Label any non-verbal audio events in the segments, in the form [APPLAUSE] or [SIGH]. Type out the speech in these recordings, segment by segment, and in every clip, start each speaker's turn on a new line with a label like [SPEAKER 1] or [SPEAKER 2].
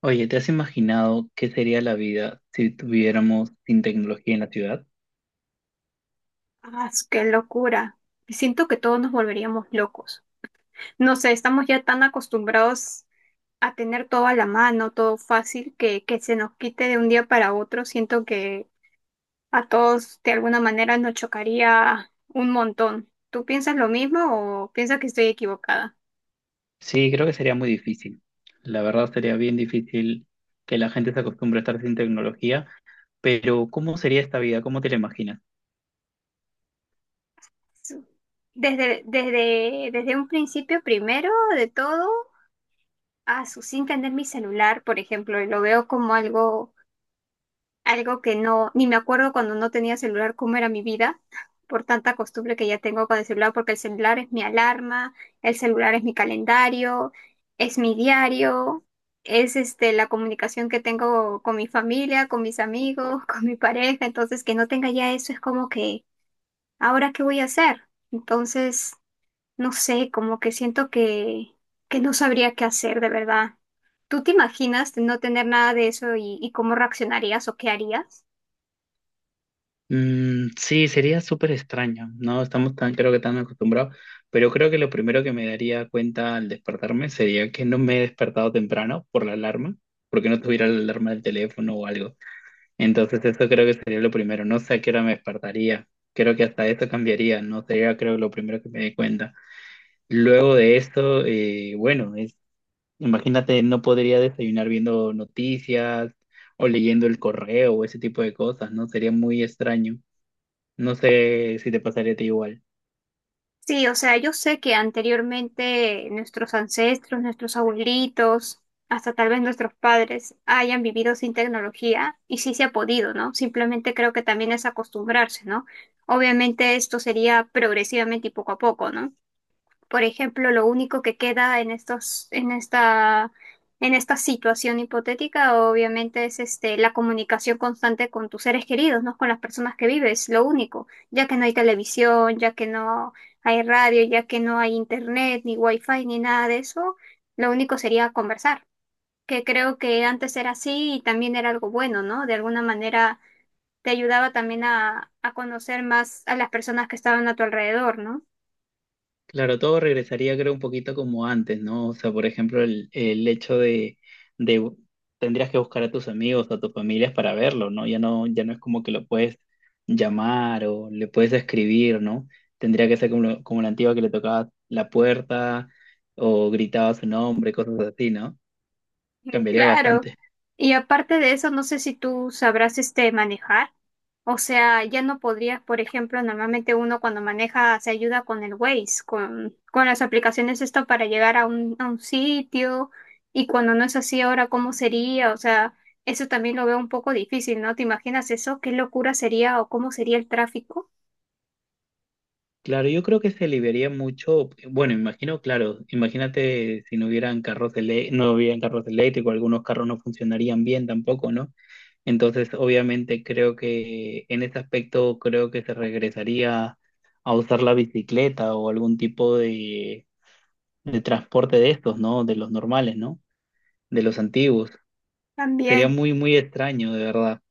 [SPEAKER 1] Oye, ¿te has imaginado qué sería la vida si tuviéramos sin tecnología en la ciudad?
[SPEAKER 2] Ah, qué locura. Siento que todos nos volveríamos locos. No sé, estamos ya tan acostumbrados a tener todo a la mano, todo fácil, que se nos quite de un día para otro. Siento que a todos de alguna manera nos chocaría un montón. ¿Tú piensas lo mismo o piensas que estoy equivocada?
[SPEAKER 1] Sí, creo que sería muy difícil. La verdad sería bien difícil que la gente se acostumbre a estar sin tecnología, pero ¿cómo sería esta vida? ¿Cómo te la imaginas?
[SPEAKER 2] Su- desde un principio, primero de todo, a su sin tener mi celular, por ejemplo, y lo veo como algo que no, ni me acuerdo cuando no tenía celular cómo era mi vida, por tanta costumbre que ya tengo con el celular, porque el celular es mi alarma, el celular es mi calendario, es mi diario, es este la comunicación que tengo con mi familia, con mis amigos, [LAUGHS] con mi pareja, entonces que no tenga ya eso es como que, ¿ahora qué voy a hacer? Entonces, no sé, como que siento que no sabría qué hacer de verdad. ¿Tú te imaginas no tener nada de eso y cómo reaccionarías o qué harías?
[SPEAKER 1] Mm, sí, sería súper extraño. No estamos tan, creo que tan acostumbrados, pero creo que lo primero que me daría cuenta al despertarme sería que no me he despertado temprano por la alarma, porque no tuviera la alarma del teléfono o algo. Entonces eso creo que sería lo primero. No sé a qué hora me despertaría. Creo que hasta eso cambiaría. No sería, creo, lo primero que me di cuenta. Luego de eso, bueno, es, imagínate, no podría desayunar viendo noticias o leyendo el correo o ese tipo de cosas, ¿no? Sería muy extraño. No sé si te pasaría a ti igual.
[SPEAKER 2] Sí, o sea, yo sé que anteriormente nuestros ancestros, nuestros abuelitos, hasta tal vez nuestros padres hayan vivido sin tecnología y sí se ha podido, ¿no? Simplemente creo que también es acostumbrarse, ¿no? Obviamente esto sería progresivamente y poco a poco, ¿no? Por ejemplo, lo único que queda en esta situación hipotética, obviamente, es este, la comunicación constante con tus seres queridos, ¿no? Con las personas que vives, lo único, ya que no hay televisión, ya que no hay radio, ya que no hay internet, ni wifi, ni nada de eso, lo único sería conversar, que creo que antes era así y también era algo bueno, ¿no? De alguna manera te ayudaba también a conocer más a las personas que estaban a tu alrededor, ¿no?
[SPEAKER 1] Claro, todo regresaría creo un poquito como antes, ¿no? O sea, por ejemplo, el hecho de, de bu- tendrías que buscar a tus amigos, a tus familias para verlo, ¿no? Ya no, ya no es como que lo puedes llamar o le puedes escribir, ¿no? Tendría que ser como, como la antigua que le tocabas la puerta o gritaba su nombre, cosas así, ¿no?
[SPEAKER 2] [LAUGHS]
[SPEAKER 1] Cambiaría
[SPEAKER 2] Claro.
[SPEAKER 1] bastante.
[SPEAKER 2] Y aparte de eso, no sé si tú sabrás este manejar. O sea, ya no podrías, por ejemplo, normalmente uno cuando maneja se ayuda con el Waze, con las aplicaciones esto para llegar a a un sitio. Y cuando no es así, ahora cómo sería. O sea, eso también lo veo un poco difícil, ¿no? ¿Te imaginas eso? ¿Qué locura sería o cómo sería el tráfico?
[SPEAKER 1] Claro, yo creo que se aliviaría mucho, bueno, imagino, claro, imagínate si no hubieran no hubieran carros eléctricos, algunos carros no funcionarían bien tampoco, ¿no? Entonces, obviamente, creo que en ese aspecto creo que se regresaría a usar la bicicleta o algún tipo de transporte de estos, ¿no? De los normales, ¿no? De los antiguos. Sería
[SPEAKER 2] También.
[SPEAKER 1] muy, muy extraño, de verdad.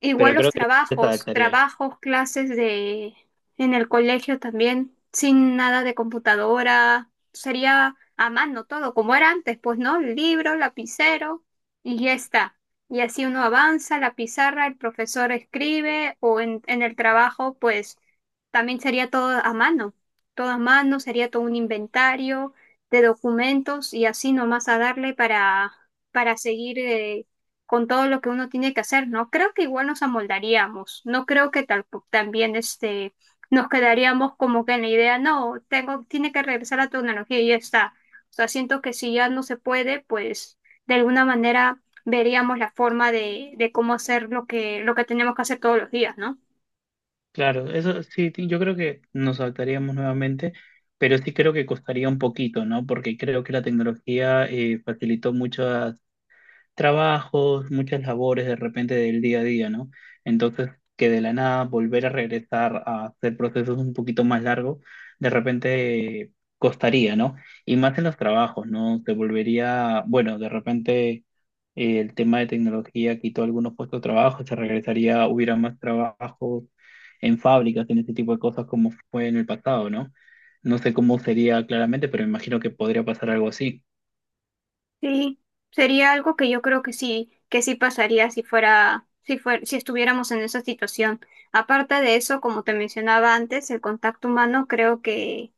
[SPEAKER 2] Igual
[SPEAKER 1] Pero
[SPEAKER 2] los
[SPEAKER 1] creo que la gente se
[SPEAKER 2] trabajos,
[SPEAKER 1] adaptaría.
[SPEAKER 2] trabajos, clases de en el colegio también, sin nada de computadora, sería a mano todo, como era antes, pues, ¿no? Libro, lapicero y ya está. Y así uno avanza, la pizarra, el profesor escribe o en el trabajo, pues también sería todo a mano, sería todo un inventario de documentos y así nomás a darle para seguir con todo lo que uno tiene que hacer, ¿no? Creo que igual nos amoldaríamos, no creo que tal, también este, nos quedaríamos como que en la idea, no, tengo, tiene que regresar la tecnología y ya está. O sea, siento que si ya no se puede, pues de alguna manera veríamos la forma de cómo hacer lo lo que tenemos que hacer todos los días, ¿no?
[SPEAKER 1] Claro, eso sí, yo creo que nos adaptaríamos nuevamente, pero sí creo que costaría un poquito, ¿no? Porque creo que la tecnología facilitó muchas trabajos, muchas labores de repente del día a día, ¿no? Entonces, que de la nada volver a regresar a hacer procesos un poquito más largos, de repente costaría, ¿no? Y más en los trabajos, ¿no? Se volvería, bueno, de repente el tema de tecnología quitó algunos puestos de trabajo, se regresaría, hubiera más trabajos en fábricas, en ese tipo de cosas como fue en el pasado, ¿no? No sé cómo sería claramente, pero me imagino que podría pasar algo así.
[SPEAKER 2] Sí, sería algo que yo creo que sí pasaría si estuviéramos en esa situación. Aparte de eso, como te mencionaba antes, el contacto humano creo que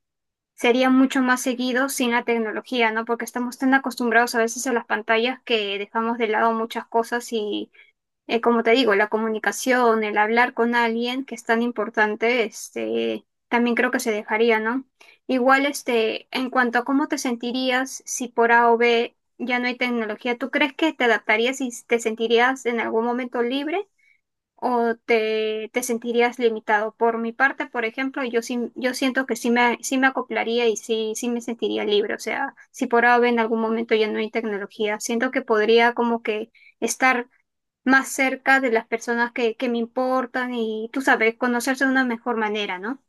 [SPEAKER 2] sería mucho más seguido sin la tecnología, ¿no? Porque estamos tan acostumbrados a veces a las pantallas que dejamos de lado muchas cosas y, como te digo, la comunicación, el hablar con alguien que es tan importante, este, también creo que se dejaría, ¿no? Igual, este, en cuanto a cómo te sentirías si por A o B ya no hay tecnología, ¿tú crees que te adaptarías y te sentirías en algún momento libre o te sentirías limitado? Por mi parte, por ejemplo, yo sí, yo siento que sí me acoplaría y sí, sí me sentiría libre. O sea, si por ahora en algún momento ya no hay tecnología, siento que podría como que estar más cerca de las personas que me importan y tú sabes, conocerse de una mejor manera, ¿no?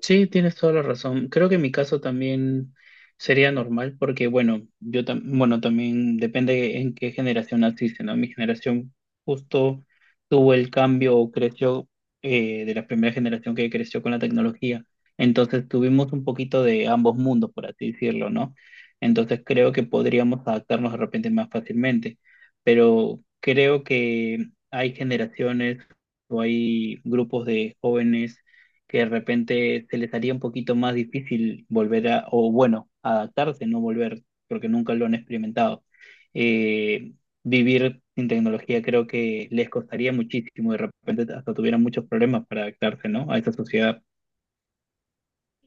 [SPEAKER 1] Sí, tienes toda la razón. Creo que en mi caso también sería normal porque, bueno, bueno, también depende en qué generación naciste, ¿no? Mi generación justo tuvo el cambio o creció de la primera generación que creció con la tecnología. Entonces tuvimos un poquito de ambos mundos, por así decirlo, ¿no? Entonces creo que podríamos adaptarnos de repente más fácilmente, pero creo que hay generaciones o hay grupos de jóvenes que de repente se les haría un poquito más difícil volver a, o bueno, adaptarse, no volver, porque nunca lo han experimentado. Eh, vivir sin tecnología creo que les costaría muchísimo, de repente hasta tuvieran muchos problemas para adaptarse, ¿no? A esa sociedad.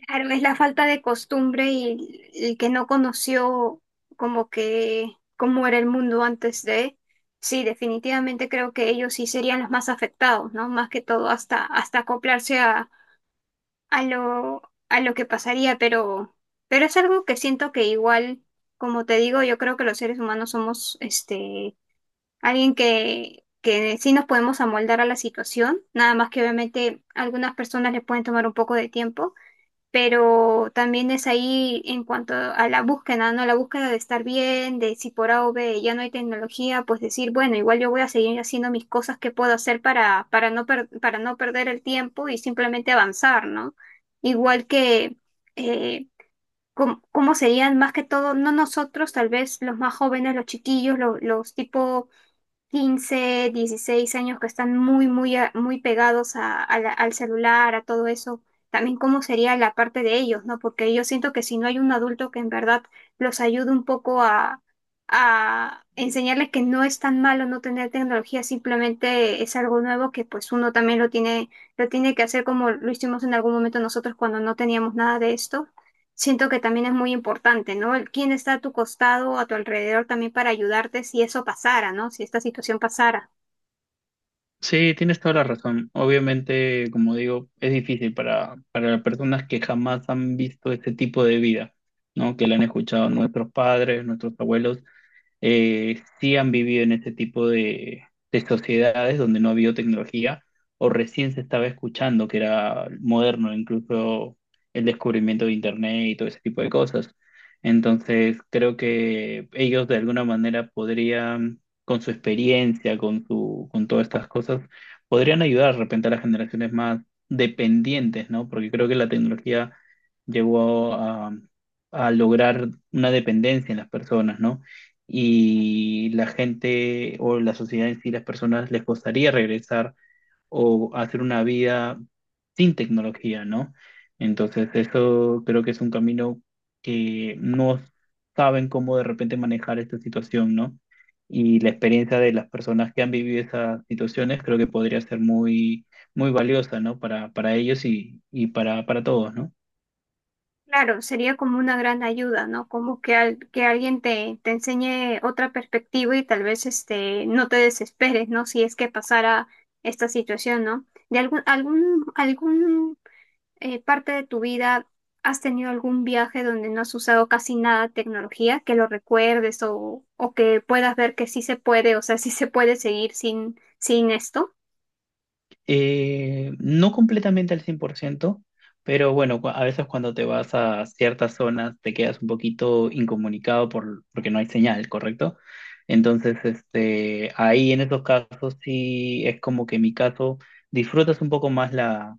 [SPEAKER 2] Claro, es la falta de costumbre y el que no conoció como que cómo era el mundo antes de. Sí, definitivamente creo que ellos sí serían los más afectados, ¿no? Más que todo hasta acoplarse a lo, a lo que pasaría, pero es algo que siento que igual, como te digo, yo creo que los seres humanos somos este alguien que sí nos podemos amoldar a la situación, nada más que obviamente algunas personas les pueden tomar un poco de tiempo pero también es ahí en cuanto a la búsqueda, ¿no? La búsqueda de estar bien, de si por A o B ya no hay tecnología, pues decir, bueno, igual yo voy a seguir haciendo mis cosas que puedo hacer para no perder el tiempo y simplemente avanzar, ¿no? Igual que, eh, ¿cómo, serían más que todo, no nosotros, tal vez los más jóvenes, los chiquillos, los tipo 15, 16 años que están muy pegados al celular, a todo eso, también cómo sería la parte de ellos, ¿no? Porque yo siento que si no hay un adulto que en verdad los ayude un poco a enseñarles que no es tan malo no tener tecnología, simplemente es algo nuevo que pues uno también lo tiene que hacer como lo hicimos en algún momento nosotros cuando no teníamos nada de esto. Siento que también es muy importante, ¿no? El quién está a tu costado, a tu alrededor también para ayudarte si eso pasara, ¿no? Si esta situación pasara.
[SPEAKER 1] Sí, tienes toda la razón. Obviamente, como digo, es difícil para las personas que jamás han visto este tipo de vida, ¿no? Que la han escuchado nuestros padres, nuestros abuelos, sí han vivido en este tipo de sociedades donde no ha habido tecnología o recién se estaba escuchando que era moderno incluso el descubrimiento de Internet y todo ese tipo de cosas. Entonces, creo que ellos de alguna manera podrían, con su experiencia, con su, con todas estas cosas, podrían ayudar de repente a las generaciones más dependientes, ¿no? Porque creo que la tecnología llegó a lograr una dependencia en las personas, ¿no? Y la gente o la sociedad en sí, las personas les costaría regresar o hacer una vida sin tecnología, ¿no? Entonces, eso creo que es un camino que no saben cómo de repente manejar esta situación, ¿no? Y la experiencia de las personas que han vivido esas situaciones creo que podría ser muy, muy valiosa, ¿no? Para ellos y para todos, ¿no?
[SPEAKER 2] Claro, sería como una gran ayuda, ¿no? Como que, que alguien te enseñe otra perspectiva y tal vez este, no te desesperes, ¿no? Si es que pasara esta situación, ¿no? ¿De algún parte de tu vida has tenido algún viaje donde no has usado casi nada de tecnología, que lo recuerdes o que puedas ver que sí se puede, o sea, sí se puede seguir sin esto?
[SPEAKER 1] No completamente al 100%, pero bueno, a veces cuando te vas a ciertas zonas te quedas un poquito incomunicado por, porque no hay señal, ¿correcto? Entonces, este, ahí en esos casos sí es como que en mi caso disfrutas un poco más la,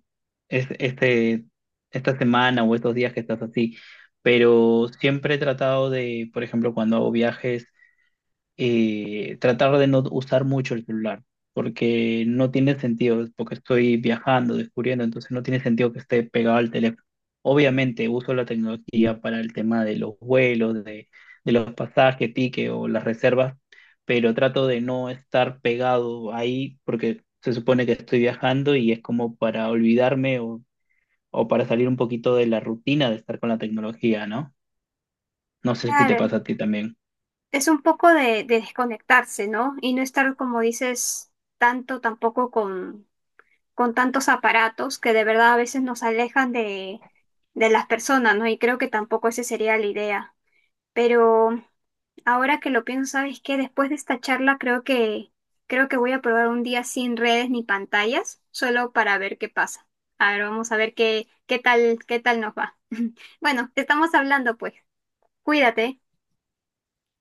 [SPEAKER 1] este, esta semana o estos días que estás así, pero siempre he tratado de, por ejemplo, cuando hago viajes, tratar de no usar mucho el celular, porque no tiene sentido, porque estoy viajando, descubriendo, entonces no tiene sentido que esté pegado al teléfono. Obviamente uso la tecnología para el tema de los vuelos, de los pasajes, tickets o las reservas, pero trato de no estar pegado ahí porque se supone que estoy viajando y es como para olvidarme o para salir un poquito de la rutina de estar con la tecnología, ¿no? No sé si te
[SPEAKER 2] Claro,
[SPEAKER 1] pasa a ti también.
[SPEAKER 2] es un poco de desconectarse, ¿no? Y no estar, como dices, tanto tampoco con tantos aparatos que de verdad a veces nos alejan de las personas, ¿no? Y creo que tampoco esa sería la idea. Pero ahora que lo pienso, sabes que después de esta charla creo que voy a probar un día sin redes ni pantallas, solo para ver qué pasa. A ver, vamos a ver qué tal nos va. [LAUGHS] Bueno, te estamos hablando pues. Cuídate.